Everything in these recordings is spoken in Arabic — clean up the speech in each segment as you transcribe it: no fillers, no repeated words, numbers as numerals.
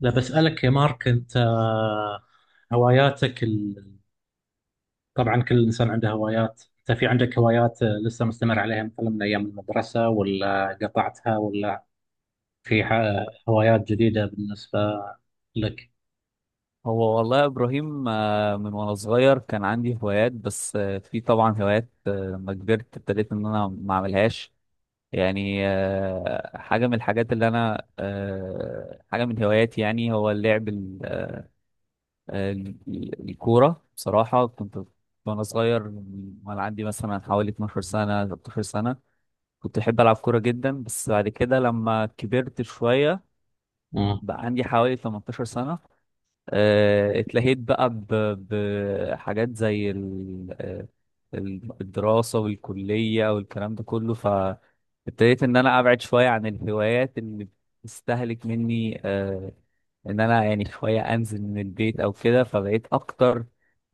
لا بسألك يا مارك أنت هواياتك طبعا كل إنسان عنده هوايات. أنت في عندك هوايات لسه مستمر عليها مثلا من أيام المدرسة ولا قطعتها ولا في هوايات جديدة بالنسبة لك. هو والله يا ابراهيم، من وانا صغير كان عندي هوايات، بس في طبعا هوايات. لما كبرت ابتديت ان انا ما اعملهاش. يعني حاجه من الحاجات اللي انا حاجه من هواياتي، يعني هو اللعب الكوره. بصراحه كنت وانا صغير، وانا عندي مثلا حوالي 12 سنه 13 سنه، كنت احب العب كوره جدا. بس بعد كده لما كبرت شويه، مم. بقى عندي حوالي 18 سنه، اتلهيت بقى بحاجات زي الدراسة والكلية والكلام ده كله. فابتديت إن أنا أبعد شوية عن الهوايات اللي بتستهلك مني. إن أنا يعني شوية أنزل من البيت أو كده، فبقيت أكتر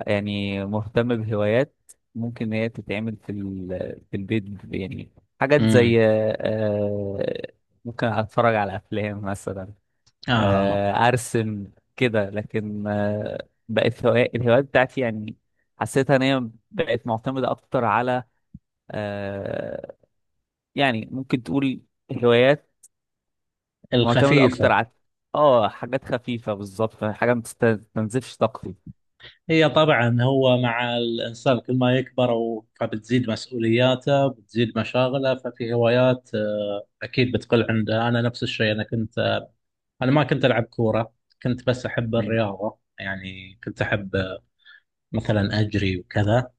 يعني مهتم بهوايات ممكن إن هي تتعمل في في البيت، يعني حاجات مم. زي ممكن أتفرج على أفلام مثلا، آه ارسم كده. لكن بقت الهوايات بتاعتي يعني حسيتها ان هي بقت معتمده اكتر على آه، يعني ممكن تقول هوايات معتمده الخفيفة. اكتر على اه حاجات خفيفه، بالظبط حاجه ما تستنزفش طاقتي. هي طبعا هو مع الإنسان كل ما يكبر فبتزيد مسؤولياته بتزيد مشاغله ففي هوايات أكيد بتقل عنده. أنا نفس الشيء، أنا ما كنت ألعب كورة، كنت بس أحب مم، الرياضة، يعني كنت أحب مثلا أجري وكذا.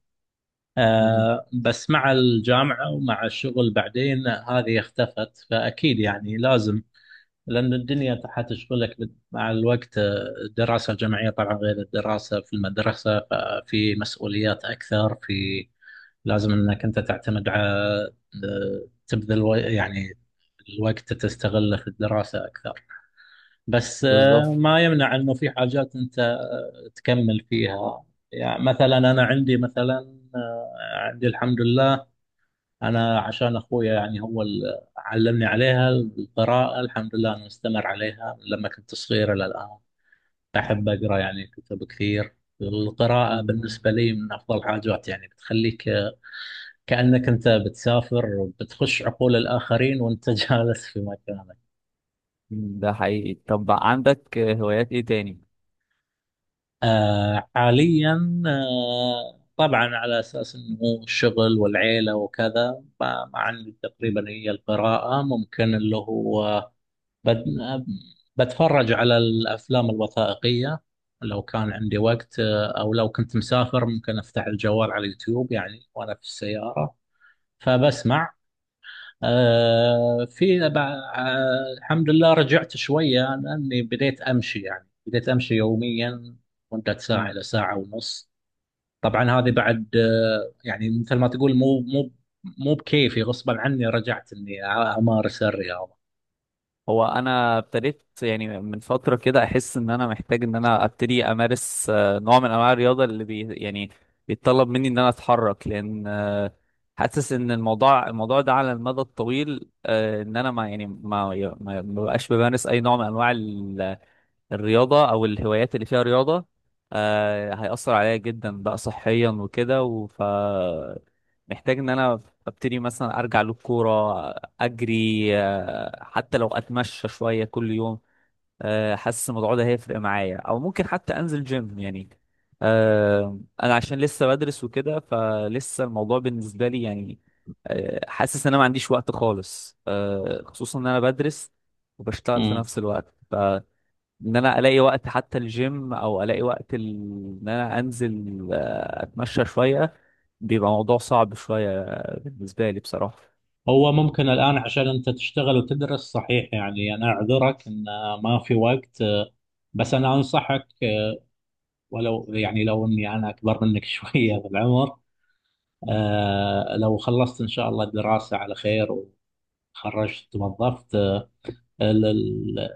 مم، بس مع الجامعة ومع الشغل بعدين هذه اختفت، فأكيد يعني لازم، لأن الدنيا حتشغلك مع الوقت. الدراسة الجامعية طبعا غير الدراسة في المدرسة، ففي مسؤوليات أكثر، في لازم أنك أنت تعتمد على تبذل يعني الوقت تستغله في الدراسة أكثر. بس بالظبط. ما يمنع انه في حاجات انت تكمل فيها. يعني مثلا انا عندي، مثلا عندي الحمد لله، انا عشان اخويا يعني هو اللي علمني عليها القراءة، الحمد لله انا مستمر عليها من لما كنت صغير الى الان، احب اقرا يعني كتب كثير. القراءة مم، بالنسبة لي من أفضل حاجات، يعني بتخليك كأنك أنت بتسافر، بتخش عقول الآخرين وأنت جالس في مكانك. مم، ده حقيقي. طب عندك هوايات ايه تاني؟ آه حاليا آه طبعا على اساس انه الشغل والعيله وكذا، ما عندي تقريبا، هي القراءه، ممكن اللي هو بد بتفرج على الافلام الوثائقيه. لو كان عندي وقت او لو كنت مسافر، ممكن افتح الجوال على اليوتيوب يعني وانا في السياره فبسمع. آه في الحمد لله رجعت شوية، لأني بديت أمشي، يعني بديت أمشي يوميا مدة ساعة مم، إلى ساعة ونص. طبعا هذه بعد آه، يعني مثل ما تقول، مو بكيفي، غصبا عني رجعت إني أمارس الرياضة. هو انا ابتديت يعني من فتره كده احس ان انا محتاج ان انا ابتدي امارس نوع من انواع الرياضه اللي بي يعني بيتطلب مني ان انا اتحرك. لان حاسس ان الموضوع ده على المدى الطويل، ان انا ما يعني ما بقاش بمارس اي نوع من انواع الرياضة أو الهوايات اللي فيها رياضة، آه هيأثر عليا جدا بقى صحيا وكده. وف محتاج إن أنا أبتدي مثلا أرجع للكورة، أجري، آه حتى لو أتمشى شوية كل يوم. آه حاسس الموضوع ده هيفرق معايا، أو ممكن حتى أنزل جيم يعني. آه أنا عشان لسه بدرس وكده، فلسه الموضوع بالنسبة لي يعني آه حاسس إن أنا ما عنديش وقت خالص، آه خصوصا إن أنا بدرس وبشتغل في مم. نفس الوقت. ان انا الاقي وقت حتى الجيم او الاقي وقت ان انا انزل اتمشى شويه، بيبقى موضوع صعب شويه بالنسبه لي بصراحه. هو ممكن الآن عشان أنت تشتغل وتدرس، صحيح، يعني أنا أعذرك إن ما في وقت، بس أنا أنصحك، ولو يعني لو إني أنا أكبر منك شوية بالعمر. مم. لو خلصت إن شاء الله الدراسة على خير وتخرجت توظفت، ال- ال-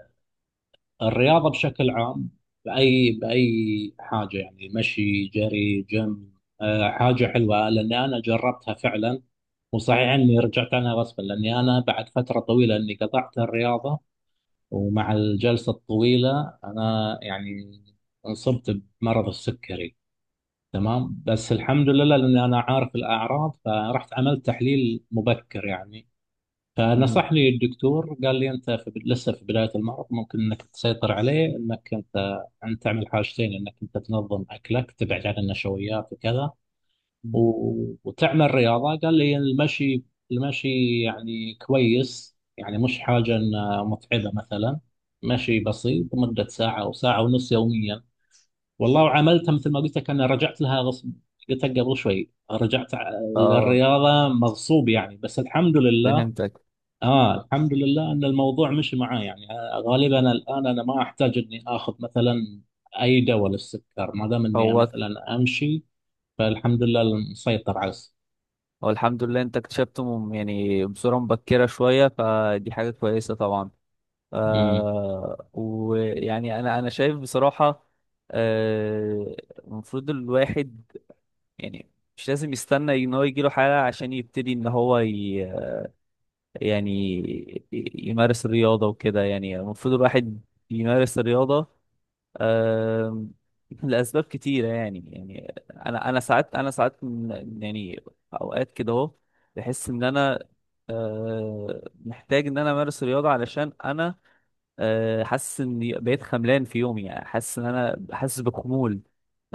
الرياضة بشكل عام، بأي حاجة يعني مشي، جري، جيم، حاجة حلوة. لأن أنا جربتها فعلا، وصحيح اني رجعت عنها غصبا لاني انا بعد فتره طويله اني قطعت الرياضه، ومع الجلسه الطويله انا يعني انصبت بمرض السكري. تمام، بس الحمد لله لأن أنا عارف الأعراض، فرحت عملت تحليل مبكر يعني، مم. فنصحني الدكتور قال لي أنت في لسه في بداية المرض، ممكن أنك تسيطر عليه، أنك أنت أن تعمل حاجتين: أنك أنت تنظم أكلك تبعد عن النشويات وكذا، مم. و... وتعمل رياضة. قال لي المشي، المشي يعني كويس، يعني مش حاجة متعبة مثلا، مشي بسيط مدة ساعة أو ساعة ونص يوميا. والله وعملتها مثل ما قلت لك، انا رجعت لها غصب، قلت لك قبل شوي، رجعت اه للرياضه مغصوب يعني، بس الحمد لله. فهمتك. اه الحمد لله ان الموضوع مشي معي يعني، غالبا الان انا ما احتاج اني اخذ مثلا اي دواء للسكر ما دام اني هو مثلا امشي، فالحمد لله مسيطر على السكر. هو الحمد لله انت اكتشفته يعني بصوره مبكره شويه، فدي حاجه كويسه طبعا. أمم. آه ويعني انا شايف بصراحه، آه، المفروض الواحد يعني مش لازم يستنى ان هو يجيله حاله عشان يبتدي ان هو ي... يعني يمارس الرياضة وكده. يعني المفروض الواحد يمارس الرياضة آم، لأسباب كتيرة. يعني يعني أنا ساعات ساعات يعني أوقات كده أهو بحس إن أنا محتاج إن أنا أمارس الرياضة. علشان أنا حاسس اني بقيت خملان في يومي، يعني حاسس ان انا حاسس بخمول،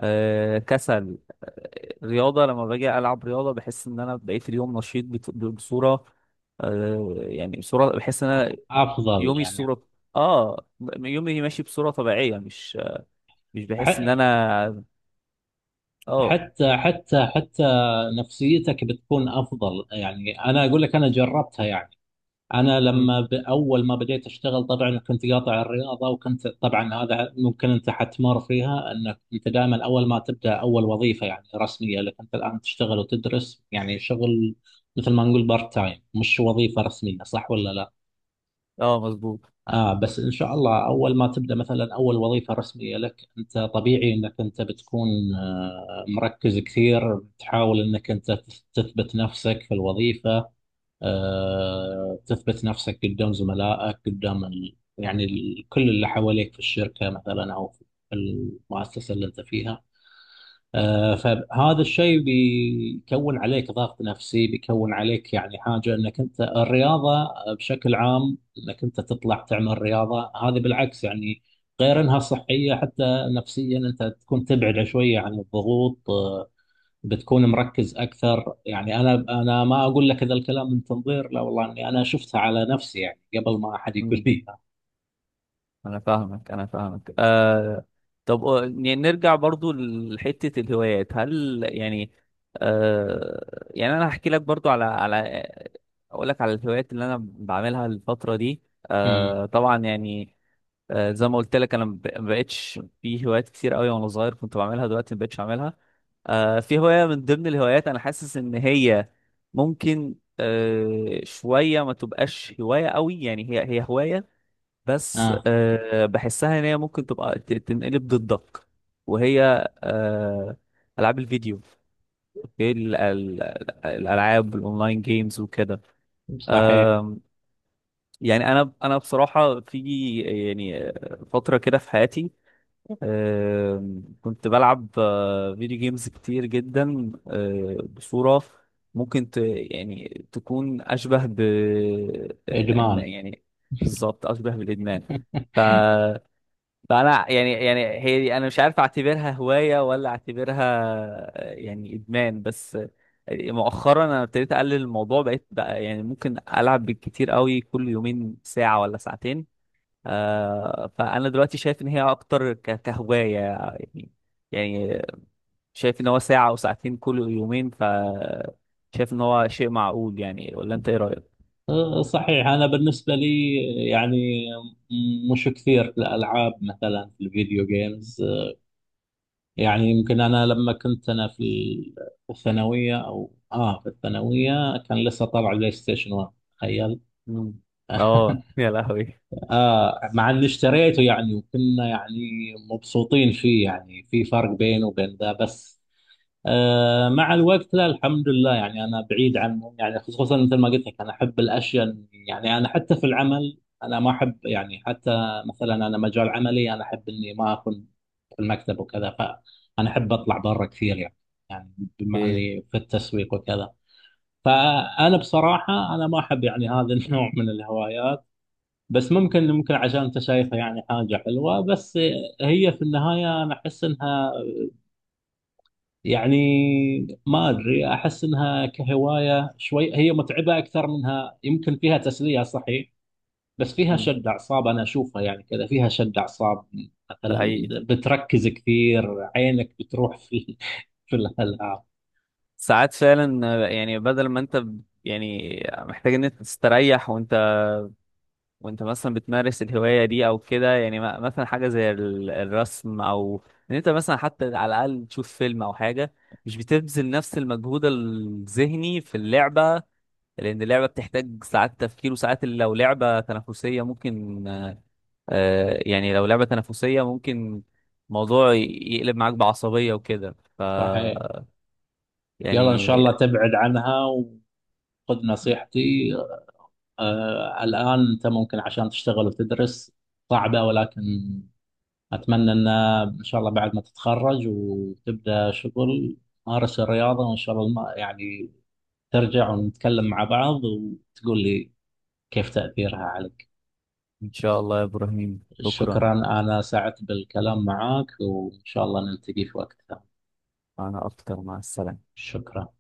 كسل. رياضة لما باجي ألعب رياضة بحس إن أنا بقيت اليوم نشيط بصورة يعني بصورة بحس إن أنا افضل يومي يعني. الصورة آه يومي ماشي بصورة طبيعية، مش مش بحس إن ح- أنا آه. حتى نفسيتك بتكون افضل يعني، انا اقول لك انا جربتها يعني، انا مم. لما اول ما بديت اشتغل طبعا كنت قاطع الرياضه، وكنت طبعا هذا ممكن انت حتمر فيها، انك انت دائما اول ما تبدا اول وظيفه يعني رسميه لك، انت الان تشتغل وتدرس يعني شغل مثل ما نقول بارت تايم، مش وظيفه رسميه، صح ولا لا؟ آه مظبوط. اه بس ان شاء الله اول ما تبدا مثلا اول وظيفه رسميه لك، انت طبيعي انك انت بتكون مركز كثير، بتحاول انك انت تثبت نفسك في الوظيفه، تثبت نفسك قدام زملائك، قدام يعني كل اللي حواليك في الشركة مثلا أو في المؤسسة اللي أنت فيها. فهذا الشيء بيكون عليك ضغط نفسي، بيكون عليك يعني حاجة أنك أنت الرياضة بشكل عام، أنك أنت تطلع تعمل رياضة، هذه بالعكس يعني، غير أنها صحية حتى نفسيا أنت تكون تبعد شوية عن الضغوط. بتكون مركز اكثر يعني، انا ما اقول لك هذا الكلام من تنظير، لا والله اني انا شفتها على نفسي يعني قبل ما احد يقول لي إياها. انا فاهمك، آه. طب نرجع برضو لحتة الهوايات. هل يعني آه يعني انا هحكي لك برضو على اقول لك على الهوايات اللي انا بعملها الفترة دي. امم. آه طبعا يعني زي ما قلت لك انا ما بقتش في هوايات كتير قوي وانا صغير كنت بعملها، دلوقتي ما بقتش اعملها. آه في هواية من ضمن الهوايات انا حاسس ان هي ممكن شوية ما تبقاش هواية قوي يعني. هي هواية بس اه بحسها ان هي ممكن تبقى تنقلب ضدك، وهي آه، العاب الفيديو. اوكي الالعاب الاونلاين جيمز وكده. آه، صحيح. يعني انا بصراحه في يعني فتره كده في حياتي، كنت بلعب فيديو جيمز كتير جدا بصوره ممكن ت يعني تكون اشبه ب ادمان. يعني بالظبط اشبه بالادمان. ف فانا يعني يعني هي دي انا مش عارف اعتبرها هوايه ولا اعتبرها يعني ادمان. بس مؤخرا انا ابتديت اقلل الموضوع، بقيت بقى يعني ممكن العب بالكتير قوي كل يومين ساعه ولا ساعتين. آه فانا دلوقتي شايف ان هي اكتر كهوايه يعني. يعني شايف ان هو ساعه او ساعتين كل يومين، ف شايف ان هو شيء معقول يعني، ولا انت ايه رايك؟ صحيح. انا بالنسبه لي يعني مش كثير في الالعاب مثلا في الفيديو جيمز، يعني يمكن انا لما كنت انا في الثانويه او اه في الثانويه كان لسه طالع بلاي ستيشن 1، تخيل. مم. اه يا لهوي. آه مع اللي اشتريته يعني، وكنا يعني مبسوطين فيه يعني، في فرق بينه وبين ذا. بس آه مع الوقت لا الحمد لله يعني أنا بعيد عنهم، يعني خصوصا مثل ما قلت لك أنا أحب الأشياء، يعني أنا حتى في العمل أنا ما أحب يعني حتى مثلا، أنا مجال عملي أنا أحب إني ما أكون في المكتب وكذا، فأنا أحب أطلع برا كثير يعني، يعني بما إيه. إني في التسويق وكذا. فأنا بصراحة أنا ما أحب يعني هذا النوع من الهوايات. بس ممكن، ممكن عشان انت شايفها يعني حاجة حلوة، بس هي في النهاية انا احس انها يعني ما ادري، احس انها كهواية شوي هي متعبة اكثر منها، يمكن فيها تسلية صحيح، بس فيها مم. شد اعصاب، انا اشوفها يعني كذا فيها شد اعصاب ده مثلا. حقيقي. بتركز كثير، عينك بتروح في في الالعاب. ساعات فعلا يعني بدل ما انت يعني محتاج ان انت تستريح، وانت مثلا بتمارس الهواية دي او كده يعني، مثلا حاجة زي الرسم، او ان انت مثلا حتى على الاقل تشوف فيلم او حاجة، مش بتبذل نفس المجهود الذهني في اللعبة. لان اللعبة بتحتاج ساعات تفكير، وساعات لو لعبة تنافسية ممكن لو لعبة تنافسية ممكن موضوع يقلب معاك بعصبية وكده. ف صحيح. يلا ان يعني شاء الله تبعد عنها، وخذ نصيحتي. آه الان انت ممكن عشان تشتغل وتدرس صعبة، ولكن أتمنى أن إن شاء الله بعد ما تتخرج وتبدأ شغل، مارس الرياضة، وإن شاء الله يعني ترجع ونتكلم مع بعض وتقول لي كيف تأثيرها عليك. إن شاء الله يا إبراهيم، شكرا. شكرا. أنا سعدت بالكلام معك وإن شاء الله نلتقي في وقت ثاني. أنا أكتر، مع السلامة. شكرا.